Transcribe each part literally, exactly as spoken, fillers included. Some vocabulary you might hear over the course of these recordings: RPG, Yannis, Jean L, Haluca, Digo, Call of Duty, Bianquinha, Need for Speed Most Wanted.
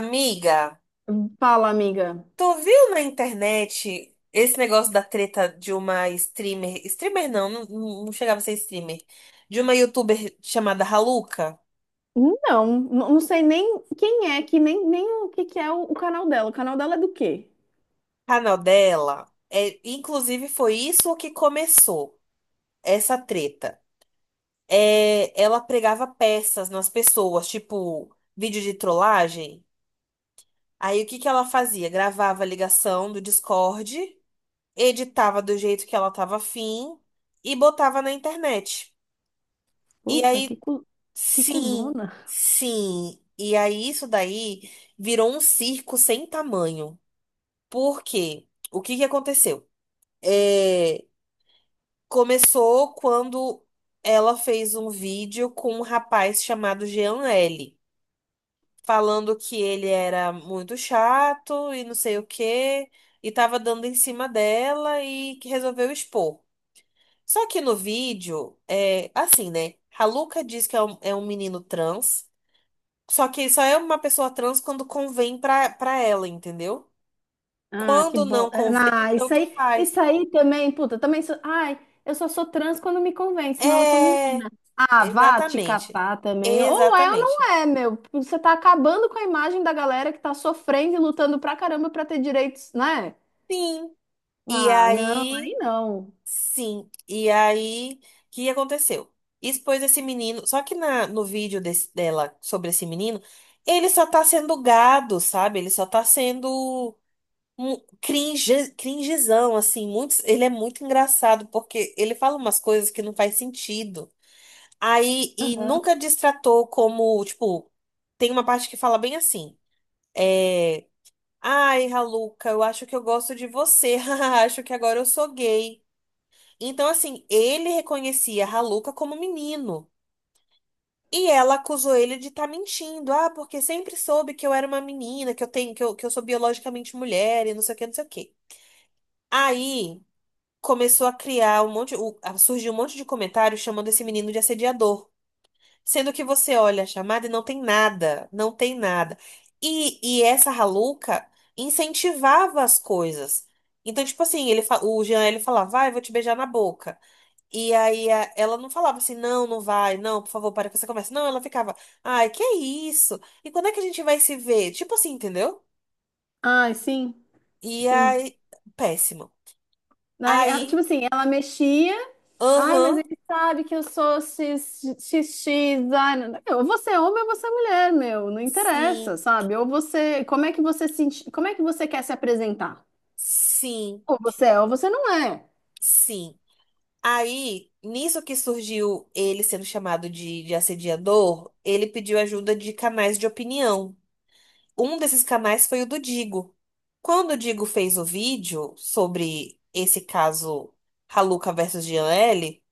Amiga, Fala, amiga. tu viu na internet esse negócio da treta de uma streamer? Streamer não, não, não chegava a ser streamer. De uma youtuber chamada Haluca. Não, n- não sei nem quem é, que nem, nem o que, que é o, o canal dela. O canal dela é do quê? O canal dela. É, inclusive, foi isso o que começou essa treta. É, ela pregava peças nas pessoas, tipo vídeo de trollagem. Aí o que que ela fazia? Gravava a ligação do Discord, editava do jeito que ela tava afim e botava na internet. E Puta, que, aí. cu... que Sim, cuzona. sim. E aí isso daí virou um circo sem tamanho. Por quê? O que que aconteceu? É, começou quando ela fez um vídeo com um rapaz chamado Jean L, falando que ele era muito chato e não sei o quê, e tava dando em cima dela e que resolveu expor. Só que no vídeo, é assim, né? Haluca diz que é um, é um menino trans. Só que só é uma pessoa trans quando convém pra, pra ela, entendeu? Ah, que Quando bo... não é, convém, ah, isso tanto aí, isso faz. aí também, puta, também sou... Ai, eu só sou trans quando me convém, senão eu sou É, menina. Ah, vá te exatamente. catar também. Ou é ou Exatamente. não é, meu. Você tá acabando com a imagem da galera que tá sofrendo e lutando pra caramba pra ter direitos, né? Sim. E Ah, não, aí aí, não. sim. E aí, o que aconteceu? Expôs esse menino. Só que na, no vídeo desse- dela sobre esse menino, ele só tá sendo gado, sabe? Ele só tá sendo um cringe, cringezão, assim. Muitos, ele é muito engraçado, porque ele fala umas coisas que não faz sentido. Aí, e nunca destratou como, tipo, tem uma parte que fala bem assim, é, ai, Raluca, eu acho que eu gosto de você, Haha, acho que agora eu sou gay. Então, assim, ele reconhecia a Raluca como menino. E ela acusou ele de estar mentindo. Ah, porque sempre soube que eu era uma menina, que eu tenho, que eu, que eu sou biologicamente mulher e não sei o que, não sei o que. Aí começou a criar um monte, o- a surgir um monte de comentários chamando esse menino de assediador. Sendo que você olha a chamada e não tem nada, não tem nada. E, e essa Raluca incentivava as coisas. Então, tipo assim, ele, fa- o Jean, ele falava, vai, eu vou te beijar na boca. E aí a- ela não falava assim, não, não vai, não, por favor, para com essa conversa. Não, ela ficava, ai, que é isso? E quando é que a gente vai se ver? Tipo assim, entendeu? Ai, sim, E sim. aí, péssimo. Daí, ela- tipo Aí, assim, ela mexia. Ai, mas aham, ele sabe que eu sou cis- XX. Ai, não- eu, ou você é homem ou você é mulher, meu. Não sim, interessa, sabe? Ou você. Como é que você se, enx- como é que você quer se apresentar? sim, Ou você é ou você não é. sim. Aí, nisso que surgiu ele sendo chamado de, de, assediador, ele pediu ajuda de canais de opinião. Um desses canais foi o do Digo. Quando o Digo fez o vídeo sobre esse caso Haluca versus Jean L.,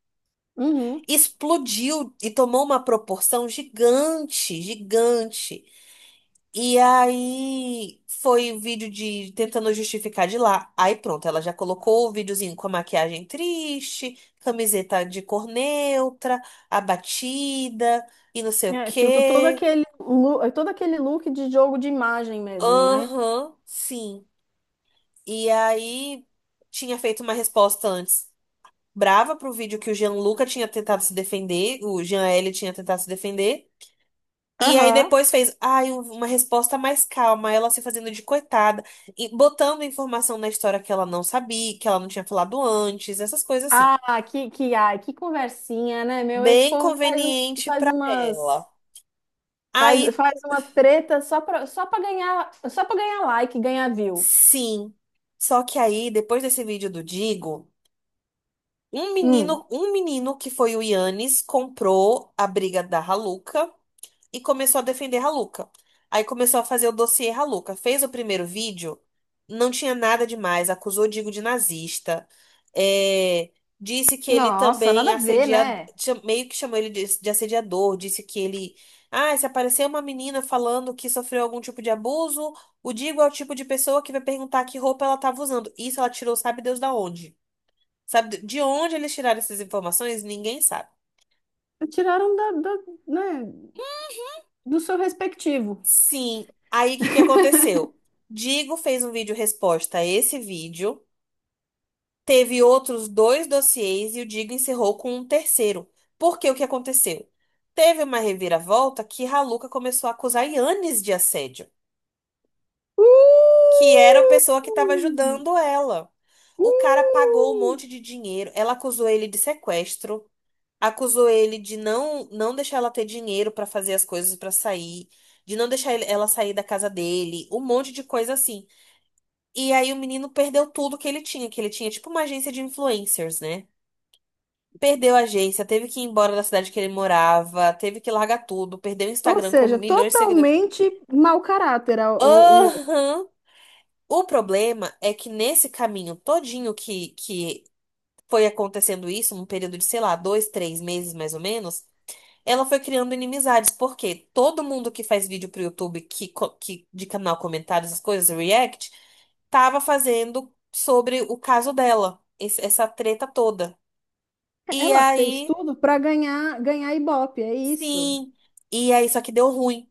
Uhum. explodiu e tomou uma proporção gigante, gigante. E aí foi o vídeo de tentando justificar de lá. Aí pronto, ela já colocou o videozinho com a maquiagem triste, camiseta de cor neutra, abatida e não sei o É, tipo, todo quê. aquele, lu- todo aquele look de jogo de imagem mesmo, né? Aham, sim. E aí tinha feito uma resposta antes brava pro vídeo que o Jean Luca tinha tentado se defender, o Jean L tinha tentado se defender. E aí Aham. depois fez, ai, um, uma resposta mais calma, ela se fazendo de coitada, e botando informação na história que ela não sabia, que ela não tinha falado antes, essas coisas assim. Ah, que, que, ai, que conversinha, né, meu? Esse Bem povo faz, um- conveniente faz pra umas. ela. Faz, Aí, faz uma treta só pra, só pra ganhar, só pra ganhar like, ganhar view. sim. Só que aí, depois desse vídeo do Digo, um Hum. menino, um menino que foi o Yannis comprou a briga da Haluca. E começou a defender Haluca. Aí começou a fazer o dossiê Haluca. Fez o primeiro vídeo, não tinha nada demais, acusou o Digo de nazista, é, disse que ele Nossa, nada também a ver, assedia, né? cha- meio que chamou ele de, de assediador, disse que ele, ah, se aparecer uma menina falando que sofreu algum tipo de abuso, o Digo é o tipo de pessoa que vai perguntar que roupa ela estava usando. Isso ela tirou, sabe Deus da onde? Sabe de onde eles tiraram essas informações? Ninguém sabe. Tiraram da, da- né, do seu respectivo. Sim. Aí o que que aconteceu? Digo fez um vídeo resposta a esse vídeo, teve outros dois dossiês e o Digo encerrou com um terceiro. Porque o que aconteceu? Teve uma reviravolta que Raluca começou a acusar Yannis de assédio, que era a Uh! pessoa que estava ajudando ela. O cara pagou um Uh! monte de dinheiro, ela acusou ele de sequestro, acusou ele de não não deixar ela ter dinheiro para fazer as coisas para sair de não deixar ele- ela sair da casa dele, um monte de coisa assim. E aí o menino perdeu tudo que ele tinha, que ele tinha tipo uma agência de influencers, né? Perdeu a agência, teve que ir embora da cidade que ele morava, teve que largar tudo, perdeu o Ou Instagram com seja, milhões de seguidores. totalmente mau caráter a- o, o outro. Aham. O problema é que nesse caminho todinho que, que foi acontecendo isso, num período de, sei lá, dois, três meses mais ou menos, ela foi criando inimizades, porque todo mundo que faz vídeo pro YouTube que, co- que, de canal comentários, as coisas, react, tava fazendo sobre o caso dela, esse- essa treta toda. E Ela fez aí, tudo para ganhar ganhar Ibope, é isso. sim. E aí, só que deu ruim,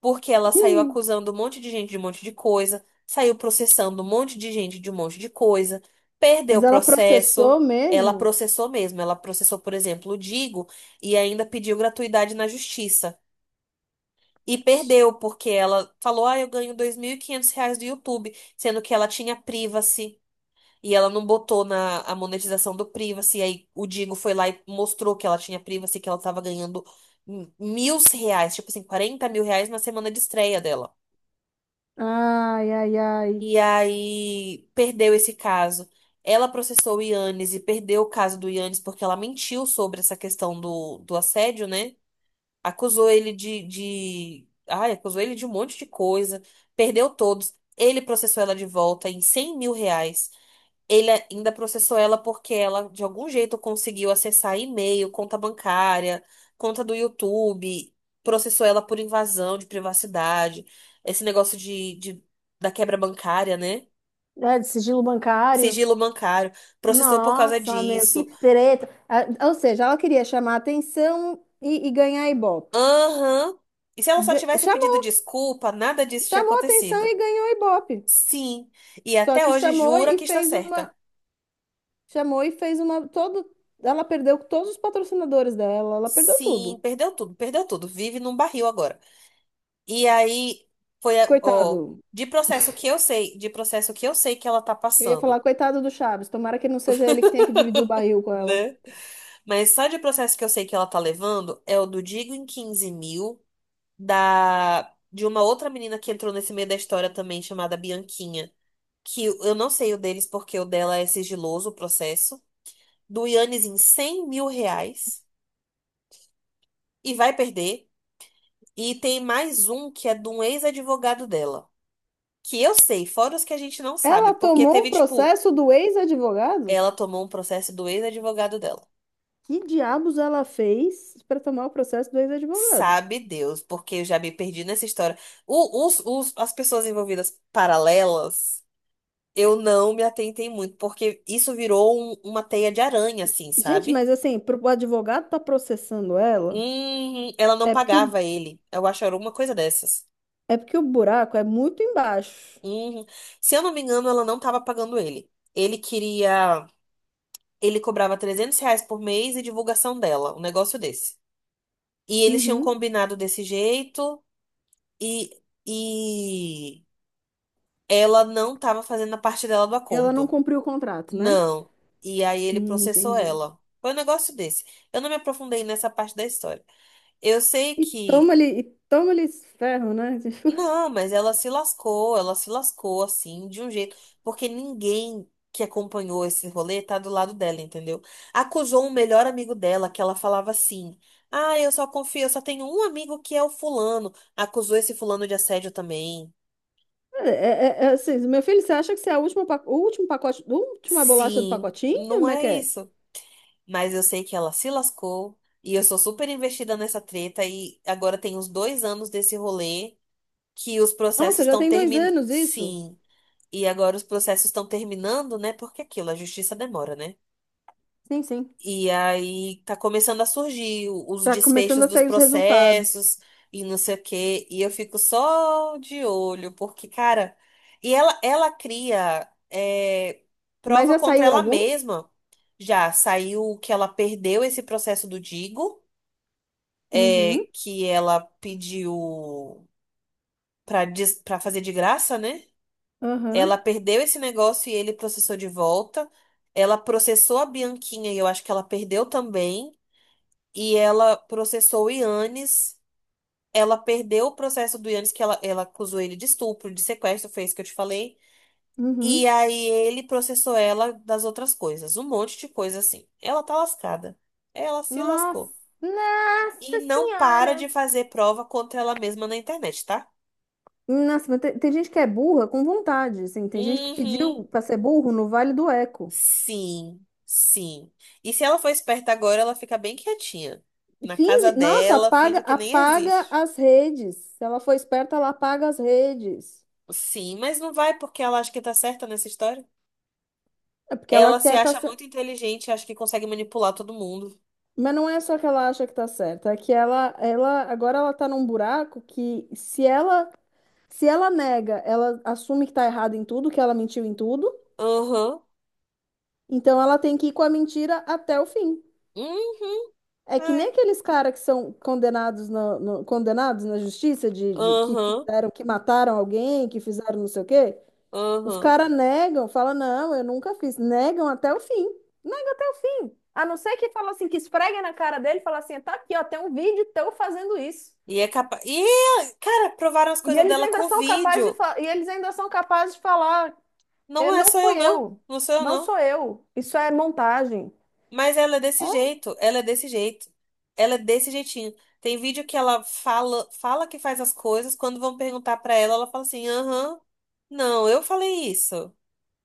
porque ela saiu Ih, acusando um monte de gente de um monte de coisa, saiu processando um monte de gente de um monte de coisa, perdeu o mas ela processou processo. Ela mesmo? processou mesmo, ela processou, por exemplo, o Digo e ainda pediu gratuidade na justiça. E perdeu, porque ela falou: Ah, eu ganho dois mil e quinhentos reais do YouTube, sendo que ela tinha privacy. E ela não botou na a monetização do Privacy. Aí o Digo foi lá e mostrou que ela tinha Privacy, que ela tava ganhando m- mil reais, tipo assim, quarenta mil reais na semana de estreia dela. Ai, ai, ai. E aí perdeu esse caso. Ela processou o Yannis e perdeu o caso do Yannis porque ela mentiu sobre essa questão do, do assédio, né? Acusou ele de, de. Ai, acusou ele de um monte de coisa. Perdeu todos. Ele processou ela de volta em cem mil reais. Ele ainda processou ela porque ela, de algum jeito, conseguiu acessar e-mail, conta bancária, conta do YouTube, processou ela por invasão de privacidade, esse negócio de, de- da quebra bancária, né? É de sigilo bancário? Sigilo bancário. Processou por causa Nossa, meu, que disso. treta. Ah, ou seja, ela queria chamar atenção e, e ganhar Ibope. Aham. E se ela só Ga- tivesse pedido Chamou, desculpa, nada disso tinha chamou atenção acontecido. e ganhou Ibope. Sim. E Só até que hoje chamou jura e que está fez uma, certa. chamou e fez uma todo, ela perdeu todos os patrocinadores dela, ela perdeu Sim, tudo. perdeu tudo, perdeu tudo. Vive num barril agora. E aí foi a- ó, Coitado. de processo que eu sei, de processo que eu sei que ela tá Eu ia passando, falar, coitado do Chaves, tomara que não seja ele que tenha que dividir o barril com ela. né? Mas só de processo que eu sei que ela tá levando é o do Digo em quinze mil, da, de uma outra menina que entrou nesse meio da história também, chamada Bianquinha. Que eu não sei o deles, porque o dela é sigiloso o processo. Do Yannis em cem mil reais. E vai perder. E tem mais um que é de um ex-advogado dela. Que eu sei, fora os que a gente não sabe. Ela Porque tomou um teve, tipo. processo do ex-advogado? Ela tomou um processo do ex-advogado dela. Que diabos ela fez para tomar o processo do ex-advogado? Sabe Deus, porque eu já me perdi nessa história. O- os, os- as pessoas envolvidas paralelas, eu não me atentei muito, porque isso virou um- uma teia de aranha, assim, Gente, sabe? mas assim, pro- o advogado tá processando ela, Hum, ela não é porque o, pagava ele. Eu acho que era alguma coisa dessas. é porque o buraco é muito embaixo. Hum, se eu não me engano, ela não estava pagando ele. Ele queria. Ele cobrava trezentos reais por mês e divulgação dela, um negócio desse. E eles tinham Uhum. combinado desse jeito. E, e ela não estava fazendo a parte dela do Ela não acordo. cumpriu o contrato, né? Não. E aí ele Hum, processou entendi. ela. Foi um negócio desse. Eu não me aprofundei nessa parte da história. Eu sei E que. toma-lhe, e toma-lhe esse ferro, né? Tipo, Não, mas ela se lascou, ela se lascou assim, de um jeito. Porque ninguém que acompanhou esse rolê tá do lado dela, entendeu? Acusou um melhor amigo dela, que ela falava assim. Ah, eu só confio, eu só tenho um amigo que é o fulano. Acusou esse fulano de assédio também. é, é- é é assim, meu filho, você acha que você é a última, pa- o último pacote, a última bolacha do Sim, pacotinho? não Como é é que é? isso. Mas eu sei que ela se lascou e eu sou super investida nessa treta e agora tem uns dois anos desse rolê que os processos Nossa, já estão tem dois terminando. anos isso? Sim, e agora os processos estão terminando, né? Porque é aquilo, a justiça demora, né? Sim, sim. E aí tá começando a surgir o- os Tá começando desfechos a dos sair os resultados. processos e não sei o quê. E eu fico só de olho, porque, cara, e ela, ela cria é, Mas prova já contra saiu ela algum? mesma. Já saiu que ela perdeu esse processo do Digo, é, Uhum, que ela pediu pra, des- pra fazer de graça, né? Ela aham, perdeu esse negócio e ele processou de volta. Ela processou a Bianquinha e eu acho que ela perdeu também. E ela processou o Yannis. Ela perdeu o processo do Yannis, que ela, ela acusou ele de estupro, de sequestro, foi isso que eu te falei. uhum, E aí ele processou ela das outras coisas, um monte de coisa assim. Ela tá lascada. Ela se nossa, lascou. E nossa não para de senhora! fazer prova contra ela mesma na internet, tá? Nossa, mas tem, tem gente que é burra com vontade, assim. Tem gente que Uhum. pediu para ser burro no Vale do Eco. Sim, sim. E se ela for esperta agora, ela fica bem quietinha. Na casa Finge, nossa, dela, apaga, finge que nem apaga existe. as redes. Se ela for esperta, ela apaga as redes. Sim, mas não vai porque ela acha que tá certa nessa história. É porque ela Ela se quer tá acha certa. muito inteligente, acha que consegue manipular todo mundo. Mas não é só que ela acha que tá certa, é que ela, ela agora ela tá num buraco que se ela se ela nega, ela assume que tá errada em tudo, que ela mentiu em tudo. Aham. Então ela tem que ir com a mentira até o fim. Uhum. É que nem Ai. aqueles caras que são condenados na, no- condenados na justiça de, de- que Aham. fizeram, que mataram alguém, que fizeram não sei o quê. Os Aham. caras negam, falam, não, eu nunca fiz. Negam até o fim. Negam até o fim. A não ser que fala assim, que esfregue na cara dele e fala assim, tá aqui, ó, tem um vídeo teu fazendo isso. E é capaz. E, cara, provaram as E coisas eles dela ainda com são capazes de vídeo. Fa- e eles ainda são capazes de falar, "Eh, Não é não só eu, fui não. eu, Não sou eu, não não. sou eu, isso é montagem." Mas ela é desse É, jeito. Ela é desse jeito. Ela é desse jeitinho. Tem vídeo que ela fala, fala que faz as coisas. Quando vão perguntar pra ela, ela fala assim: aham. Não, eu falei isso.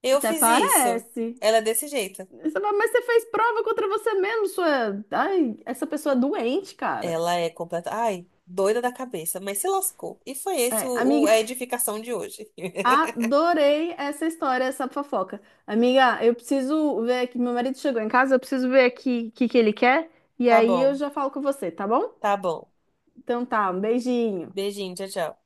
Eu até fiz isso. parece. Ela é desse jeito. Você fala, mas você fez prova contra você mesmo, sua. Ai, essa pessoa é doente, cara. Ela é completa. Ai, doida da cabeça, mas se lascou. E foi esse É, o, o- amiga, a edificação de hoje. adorei essa história, essa fofoca. Amiga, eu preciso ver aqui. Meu marido chegou em casa, eu preciso ver aqui o que que ele quer. E Tá aí eu bom, já falo com você, tá bom? tá bom. Então tá, um beijinho. Beijinho, tchau, tchau.